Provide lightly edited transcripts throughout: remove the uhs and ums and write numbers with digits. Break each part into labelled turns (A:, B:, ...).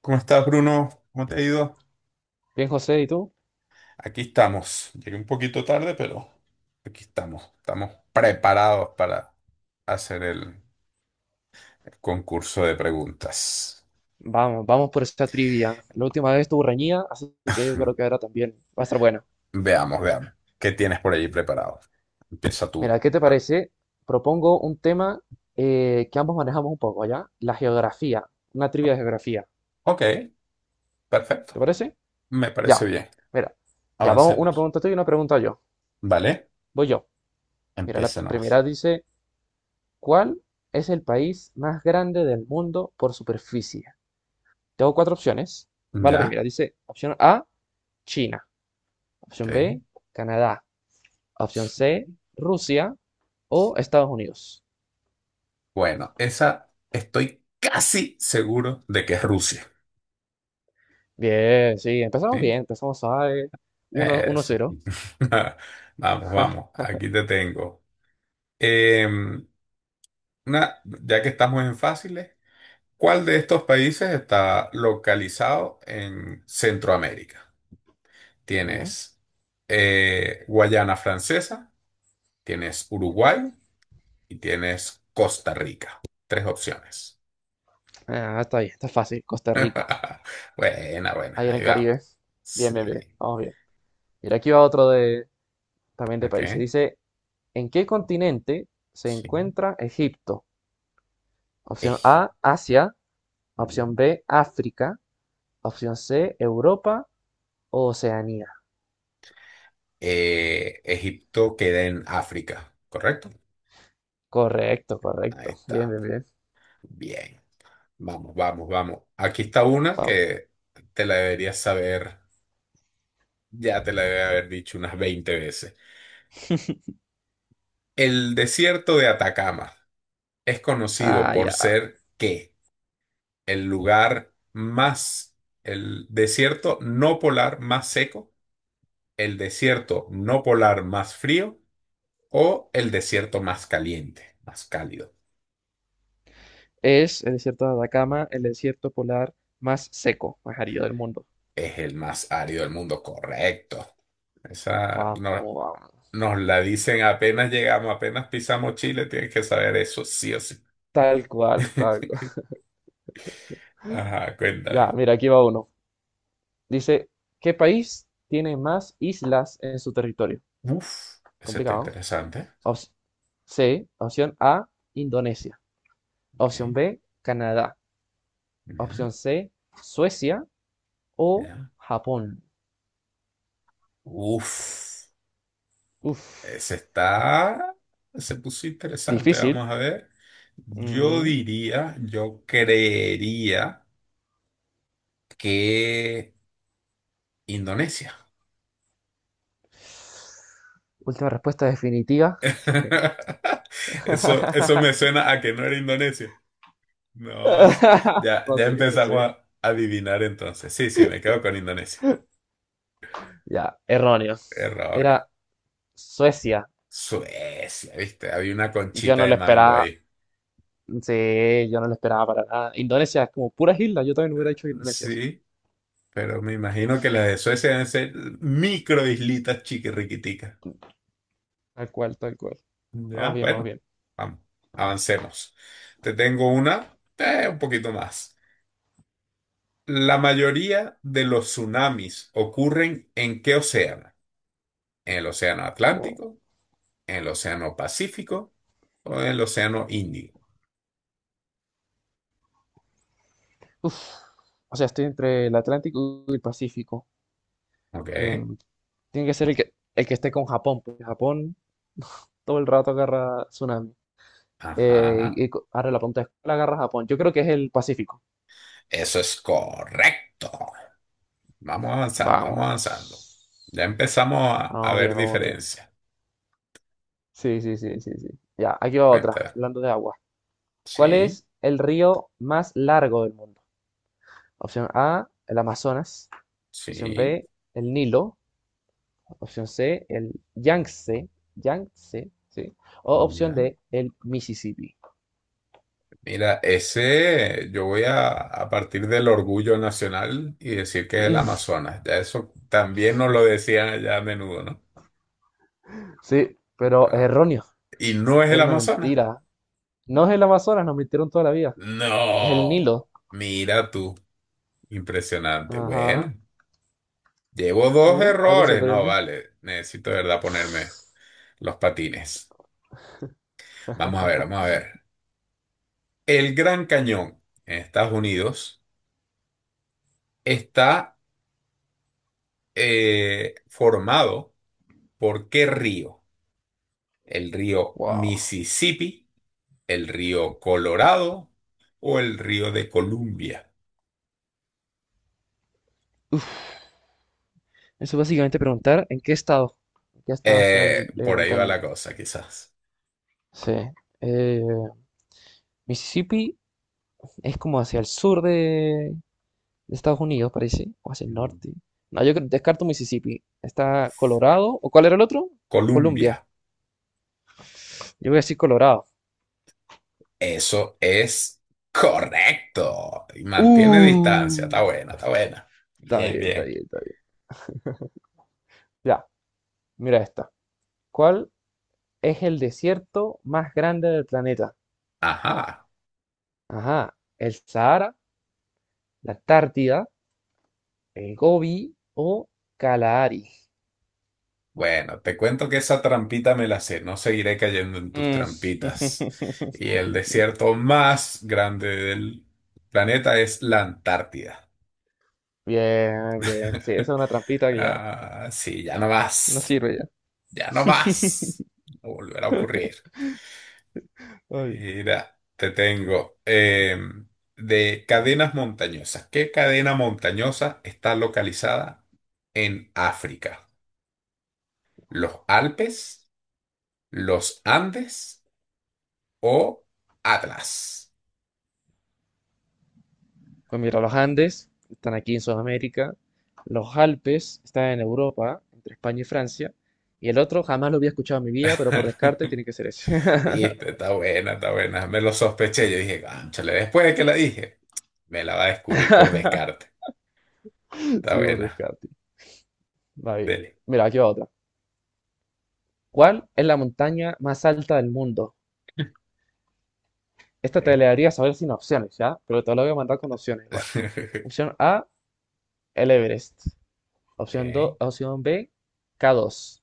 A: ¿Cómo estás, Bruno? ¿Cómo te ha ido?
B: Bien, José, ¿y tú?
A: Aquí estamos. Llegué un poquito tarde, pero aquí estamos. Estamos preparados para hacer el concurso de preguntas.
B: Vamos, vamos por esta trivia. La última vez estuvo reñida, así que yo creo que ahora también va a estar buena.
A: Veamos, veamos. ¿Qué tienes por allí preparado? Empieza tú.
B: Mira, ¿qué te
A: Ah,
B: parece? Propongo un tema que ambos manejamos un poco, ¿ya? La geografía, una trivia
A: o-
B: de geografía.
A: ok,
B: ¿Te
A: perfecto.
B: parece?
A: Me parece
B: Ya,
A: bien.
B: mira, ya vamos, una
A: Avancemos.
B: pregunta tú y una pregunta yo.
A: ¿Vale?
B: Voy yo. Mira, la
A: Empieza nomás.
B: primera dice, ¿cuál es el país más grande del mundo por superficie? Tengo cuatro opciones. Va la
A: ¿Ya?
B: primera, dice opción A, China. Opción
A: Ok.
B: B, Canadá. Opción C, Rusia o Estados Unidos.
A: Bueno, esa estoy casi seguro de que es Rusia.
B: Bien, sí, empezamos
A: ¿Sí?
B: bien, empezamos a uno
A: Eso.
B: cero.
A: Vamos, vamos, aquí te tengo. Em, una, ya que estamos en fáciles, ¿cuál de estos países está localizado en Centroamérica?
B: ¿Ya?
A: Tienes Guayana Francesa, tienes Uruguay y tienes Costa Rica. Tres opciones.
B: Ah, está bien, está fácil. Costa Rica,
A: Buena, buena,
B: ahí era en
A: ahí va.
B: Caribe. Bien,
A: Sí.
B: bien, bien, vamos bien. Mira, aquí va otro de, también de países.
A: Ok.
B: Dice, ¿en qué continente se
A: Sí.
B: encuentra Egipto? Opción
A: Eji.
B: A, Asia. Opción B, África. Opción C, Europa o Oceanía.
A: Egipto queda en África, ¿correcto?
B: Correcto,
A: Ahí
B: correcto. Bien,
A: está.
B: bien, bien.
A: Bien. Vamos, vamos, vamos. Aquí está una
B: Vamos.
A: que te la deberías saber, ya te la debe haber dicho unas 20 veces. El desierto de Atacama es conocido
B: Ah,
A: por
B: ya.
A: ser ¿qué? El lugar más, el desierto no polar más seco, el desierto no polar más frío o el desierto más caliente, más cálido.
B: Es el desierto de Atacama, el desierto polar más seco, más árido del mundo.
A: Es el más árido del mundo, correcto. Esa
B: Vamos,
A: no-
B: vamos.
A: nos la dicen apenas llegamos, apenas pisamos Chile, tienes que saber eso, sí o sí.
B: Tal cual, tal cual.
A: Ajá,
B: Ya,
A: cuéntame.
B: mira, aquí va uno. Dice, ¿qué país tiene más islas en su territorio?
A: Uf, ese está
B: Complicado.
A: interesante.
B: Op- opción A, Indonesia.
A: Ok,
B: Opción B, Canadá.
A: ya,
B: Opción C, Suecia o
A: ya.
B: Japón.
A: Uf, ese
B: Uf,
A: está, se puso interesante,
B: difícil.
A: vamos a ver. Yo
B: Ujú.
A: diría, yo creería que Indonesia.
B: Última respuesta definitiva.
A: Eso me suena a que no era Indonesia. Nos, ya,
B: No
A: ya
B: sé, no sé.
A: empezamos a adivinar entonces. Sí, sí, me quedo con Indonesia.
B: Ya, erróneo.
A: Error.
B: Era Suecia.
A: Suecia, ¿viste? Había una
B: Yo
A: conchita
B: no
A: de
B: lo
A: mango
B: esperaba.
A: ahí.
B: Sí, yo no lo esperaba para nada. Indonesia es como puras islas. Yo también hubiera dicho Indonesia, sí.
A: Sí, pero me imagino que las de Suecia deben ser microislitas chiquirriquiticas.
B: Tal cual, tal cual. Vamos
A: Ya,
B: bien, vamos
A: bueno,
B: bien.
A: vamos, avancemos. Te tengo una, un poquito más. ¿La mayoría de los tsunamis ocurren en qué océano? En el Océano
B: Oh.
A: Atlántico, en el Océano Pacífico o en el Océano Índico.
B: Uf. O sea, estoy entre el Atlántico y el Pacífico.
A: ¿Ok?
B: Em, tiene que ser el que, esté con Japón, porque Japón todo el rato agarra tsunami. Eh,
A: Ajá.
B: y ahora la punta de escuela agarra Japón. Yo creo que es el Pacífico.
A: Eso es correcto. Vamos avanzando, vamos
B: Vamos.
A: avanzando. Ya empezamos a
B: Vamos
A: ver
B: bien, vamos bien.
A: diferencias.
B: Sí, sí, sí, sí, sí. Ya, aquí va otra,
A: Cuenta.
B: hablando de agua. ¿Cuál
A: Sí,
B: es el río más largo del mundo? Opción A, el Amazonas. Opción
A: sí.
B: B, el Nilo. Opción C, el Yangtze. Yangtze, sí. O opción
A: Ya.
B: D, el Mississippi.
A: Mira, ese yo voy a partir del orgullo nacional y decir que es el
B: Mm.
A: Amazonas. Ya eso también nos lo decían allá a menudo, ¿no?
B: Sí, pero es
A: Ah,
B: erróneo.
A: y no es el
B: Era una
A: Amazonas.
B: mentira. No es el Amazonas, nos mintieron toda la vida. Es el
A: No,
B: Nilo.
A: mira tú. Impresionante.
B: Ajá.
A: Bueno, llevo dos
B: Mira, algo se
A: errores. No,
B: aprende.
A: vale. Necesito de verdad ponerme los patines. Vamos a ver, vamos a ver. El Gran Cañón en Estados Unidos está formado por ¿qué río? ¿El río
B: Wow.
A: Mississippi, el río Colorado o el río de Columbia?
B: Eso es básicamente preguntar en qué estado está el el
A: Por
B: Gran
A: ahí va la
B: Cañón.
A: cosa, quizás.
B: Sí. Eh, Mississippi es como hacia el sur de Estados Unidos, parece, o hacia el
A: Mm,
B: norte. No, descarto Mississippi. Está
A: Fue
B: Colorado, ¿o cuál era el otro? Columbia.
A: Columbia.
B: Yo voy a decir Colorado.
A: Eso es correcto. Y mantiene distancia.
B: Uh,
A: Está buena, está buena.
B: está
A: Bien,
B: bien, está
A: bien.
B: bien, está bien. Ya, mira esta. ¿Cuál es el desierto más grande del planeta?
A: Ajá.
B: Ajá, el Sahara, la Antártida, el Gobi o Kalahari.
A: Bueno, te cuento que esa trampita me la sé. No seguiré cayendo en tus
B: Mm.
A: trampitas. Y el desierto más grande del planeta es la Antártida.
B: Bien, bien. Sí, esa es una trampita que ya
A: Ah, sí, ya no
B: no
A: más.
B: sirve ya.
A: Ya no más. No volverá a ocurrir.
B: Ay.
A: Mira, te tengo de cadenas montañosas. ¿Qué cadena montañosa está localizada en África? ¿Los Alpes, los Andes o Atlas?
B: Pues mira, los Andes están aquí en Sudamérica, los Alpes están en Europa, entre España y Francia, y el otro jamás lo había escuchado en mi vida, pero por descarte tiene que ser ese.
A: Viste, está buena, está buena. Me lo sospeché. Yo dije, cónchale, después de que la dije, me la va a descubrir por descarte. Está
B: Sí, por
A: buena.
B: descarte. Va bien.
A: Dele.
B: Mira, aquí va otra. ¿Cuál es la montaña más alta del mundo?
A: Ok.
B: Esta te la debería saber sin opciones, ¿ya? Pero te la voy a mandar con opciones igual. Opción A, el Everest. Opción 2,
A: Ok.
B: opción B, K2.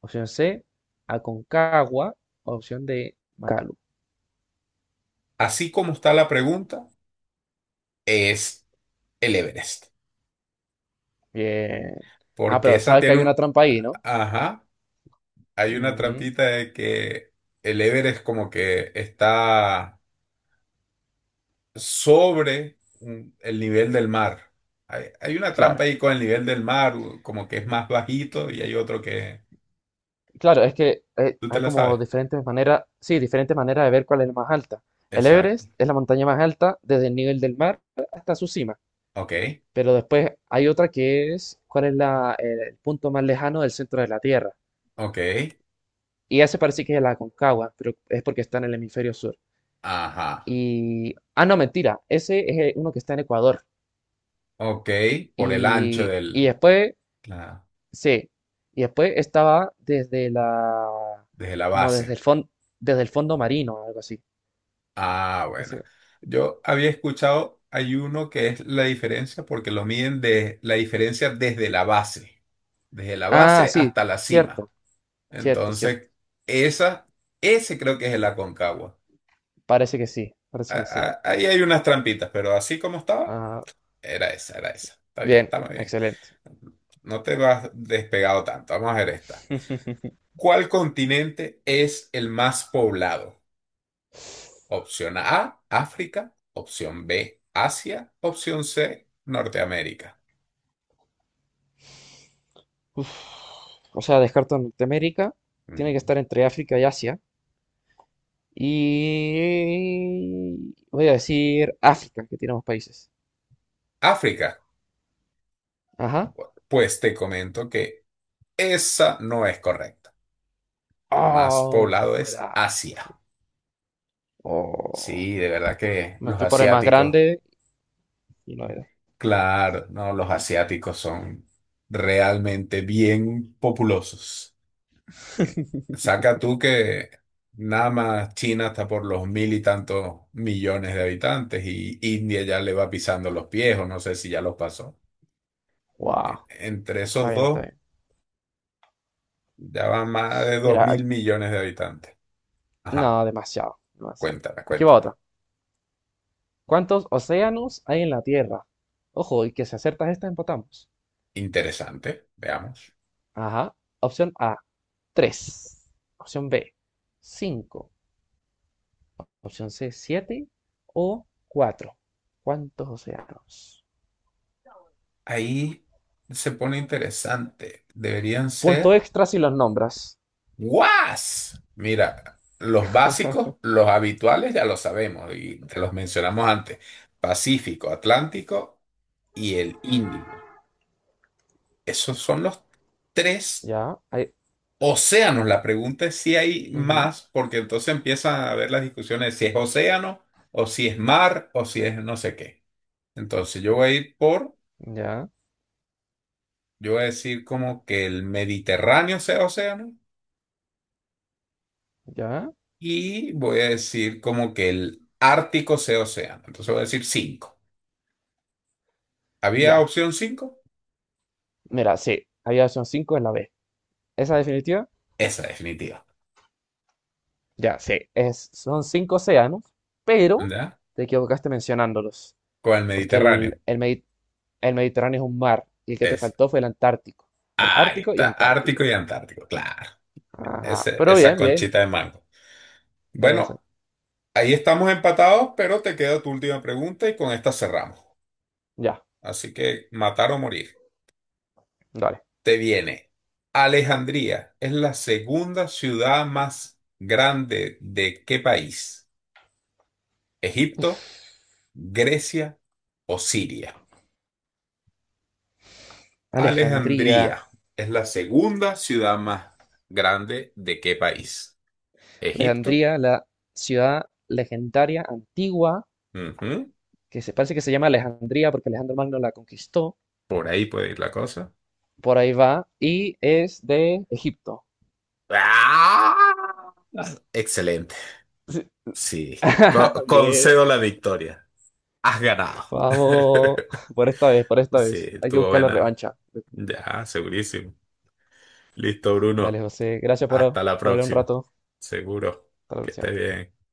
B: Opción C, Aconcagua. Opción D, Macalu.
A: Así como está la pregunta, es el Everest.
B: Bien. Ah,
A: Porque
B: pero
A: esa
B: sabes que
A: tiene
B: hay
A: un.
B: una trampa ahí, ¿no?
A: Ajá, hay una
B: Ujú.
A: trampita de que el Everest como que está sobre el nivel del mar. Hay una trampa
B: Claro.
A: ahí con el nivel del mar, como que es más bajito y hay otro que.
B: Claro, es que
A: ¿Tú te
B: hay
A: la
B: como
A: sabes?
B: diferentes maneras, sí, diferentes maneras de ver cuál es la más alta. El
A: Exacto.
B: Everest es la montaña más alta desde el nivel del mar hasta su cima,
A: Ok,
B: pero después hay otra que es cuál es la, el punto más lejano del centro de la Tierra.
A: ok,
B: Y ese parece que es la Aconcagua, pero es porque está en el hemisferio sur.
A: ajá,
B: Y, ah, no, mentira, ese es uno que está en Ecuador.
A: ok, por el ancho
B: Y
A: del,
B: después,
A: la-
B: sí, y después estaba desde la,
A: desde la
B: como
A: base.
B: desde el fondo marino, algo así.
A: Ah, bueno.
B: Entonces,
A: Yo había escuchado, hay uno que es la diferencia porque lo miden de la diferencia desde la
B: ah,
A: base
B: sí,
A: hasta la cima.
B: cierto, cierto, cierto.
A: Entonces, esa, ese creo que es el Aconcagua.
B: Parece que sí, parece que sí.
A: Ahí hay unas trampitas, pero así como estaba,
B: Ah,
A: era esa, era esa. Está bien,
B: bien,
A: está muy bien.
B: excelente.
A: No te vas despegado tanto. Vamos a ver esta. ¿Cuál continente es el más poblado? Opción A, África. Opción B, Asia. Opción C, Norteamérica.
B: Uf, o sea, descarto Norteamérica, tiene que
A: Mm.
B: estar entre África y Asia. Y voy a decir África, que tiene más países.
A: África,
B: Ajá.
A: pues te comento que esa no es correcta. El más poblado
B: Oh,
A: es
B: era.
A: Asia.
B: Oh.
A: Sí, de verdad que
B: Me
A: los
B: fui por el más
A: asiáticos,
B: grande y no era.
A: claro, no, los asiáticos son realmente bien populosos. Saca tú que nada más China está por los mil y tantos millones de habitantes y India ya le va pisando los pies o no sé si ya los pasó.
B: Wow,
A: E- Entre
B: está
A: esos
B: bien,
A: dos
B: está bien.
A: ya van más de dos
B: Mira,
A: mil millones de habitantes. Ajá,
B: no, demasiado, demasiado.
A: cuéntala,
B: Aquí va
A: cuéntala.
B: otra. ¿Cuántos océanos hay en la Tierra? Ojo, y que si acertas esta, empatamos.
A: Interesante, veamos.
B: Ajá. Opción A, tres. Opción B, cinco. Opción C, siete. O cuatro. ¿Cuántos océanos?
A: Ahí se pone interesante. Deberían
B: Punto
A: ser
B: extra si los nombras.
A: ¡Guas! Mira, los básicos, los habituales ya lo sabemos y te los mencionamos antes. Pacífico, Atlántico y el Índico. Esos son los tres
B: Ya,
A: océanos. La pregunta es si hay
B: ujú.
A: más, porque entonces empiezan a haber las discusiones de si es océano o si es mar o si es no sé qué. Entonces yo voy a ir por,
B: Ya,
A: yo voy a decir como que el Mediterráneo sea océano.
B: ya,
A: Y voy a decir como que el Ártico sea océano. Entonces voy a decir cinco. ¿Había
B: ya.
A: opción cinco?
B: Mira, sí, había opción 5 en la B. ¿Esa definitiva?
A: Esa definitiva.
B: Ya, sí, es, son cinco océanos, pero
A: ¿Verdad?
B: te equivocaste mencionándolos,
A: Con el
B: porque
A: Mediterráneo.
B: el Mediterráneo es un mar y el que te
A: Esa.
B: faltó fue el Antártico, el
A: Ahí
B: Ártico y
A: está. Ártico
B: Antártico.
A: y Antártico. Claro.
B: Ajá,
A: Ese-
B: pero
A: esa
B: bien, bien,
A: conchita de mango.
B: eso,
A: Bueno, ahí estamos empatados, pero te queda tu última pregunta y con esta cerramos.
B: ya,
A: Así que matar o morir.
B: dale.
A: Te viene. ¿Alejandría es la segunda ciudad más grande de qué país? Egipto. Grecia o Siria.
B: Alejandría,
A: ¿Alejandría es la segunda ciudad más grande de qué país? Egipto.
B: Alejandría, la ciudad legendaria antigua,
A: Ujú.
B: que se parece que se llama Alejandría porque Alejandro Magno la conquistó,
A: Por ahí puede ir la cosa.
B: por ahí va, y es de Egipto.
A: ¡Ah! Excelente. Sí. Co-
B: Bien.
A: concedo la victoria. Has ganado.
B: Vamos, por esta vez, por esta
A: Sí,
B: vez. Hay que
A: estuvo
B: buscar la
A: buena.
B: revancha.
A: Ya, segurísimo. Listo,
B: Dale,
A: Bruno.
B: José. Gracias por,
A: Hasta la
B: por hablar un
A: próxima.
B: rato.
A: Seguro.
B: Hasta la
A: Que estés
B: próxima.
A: bien.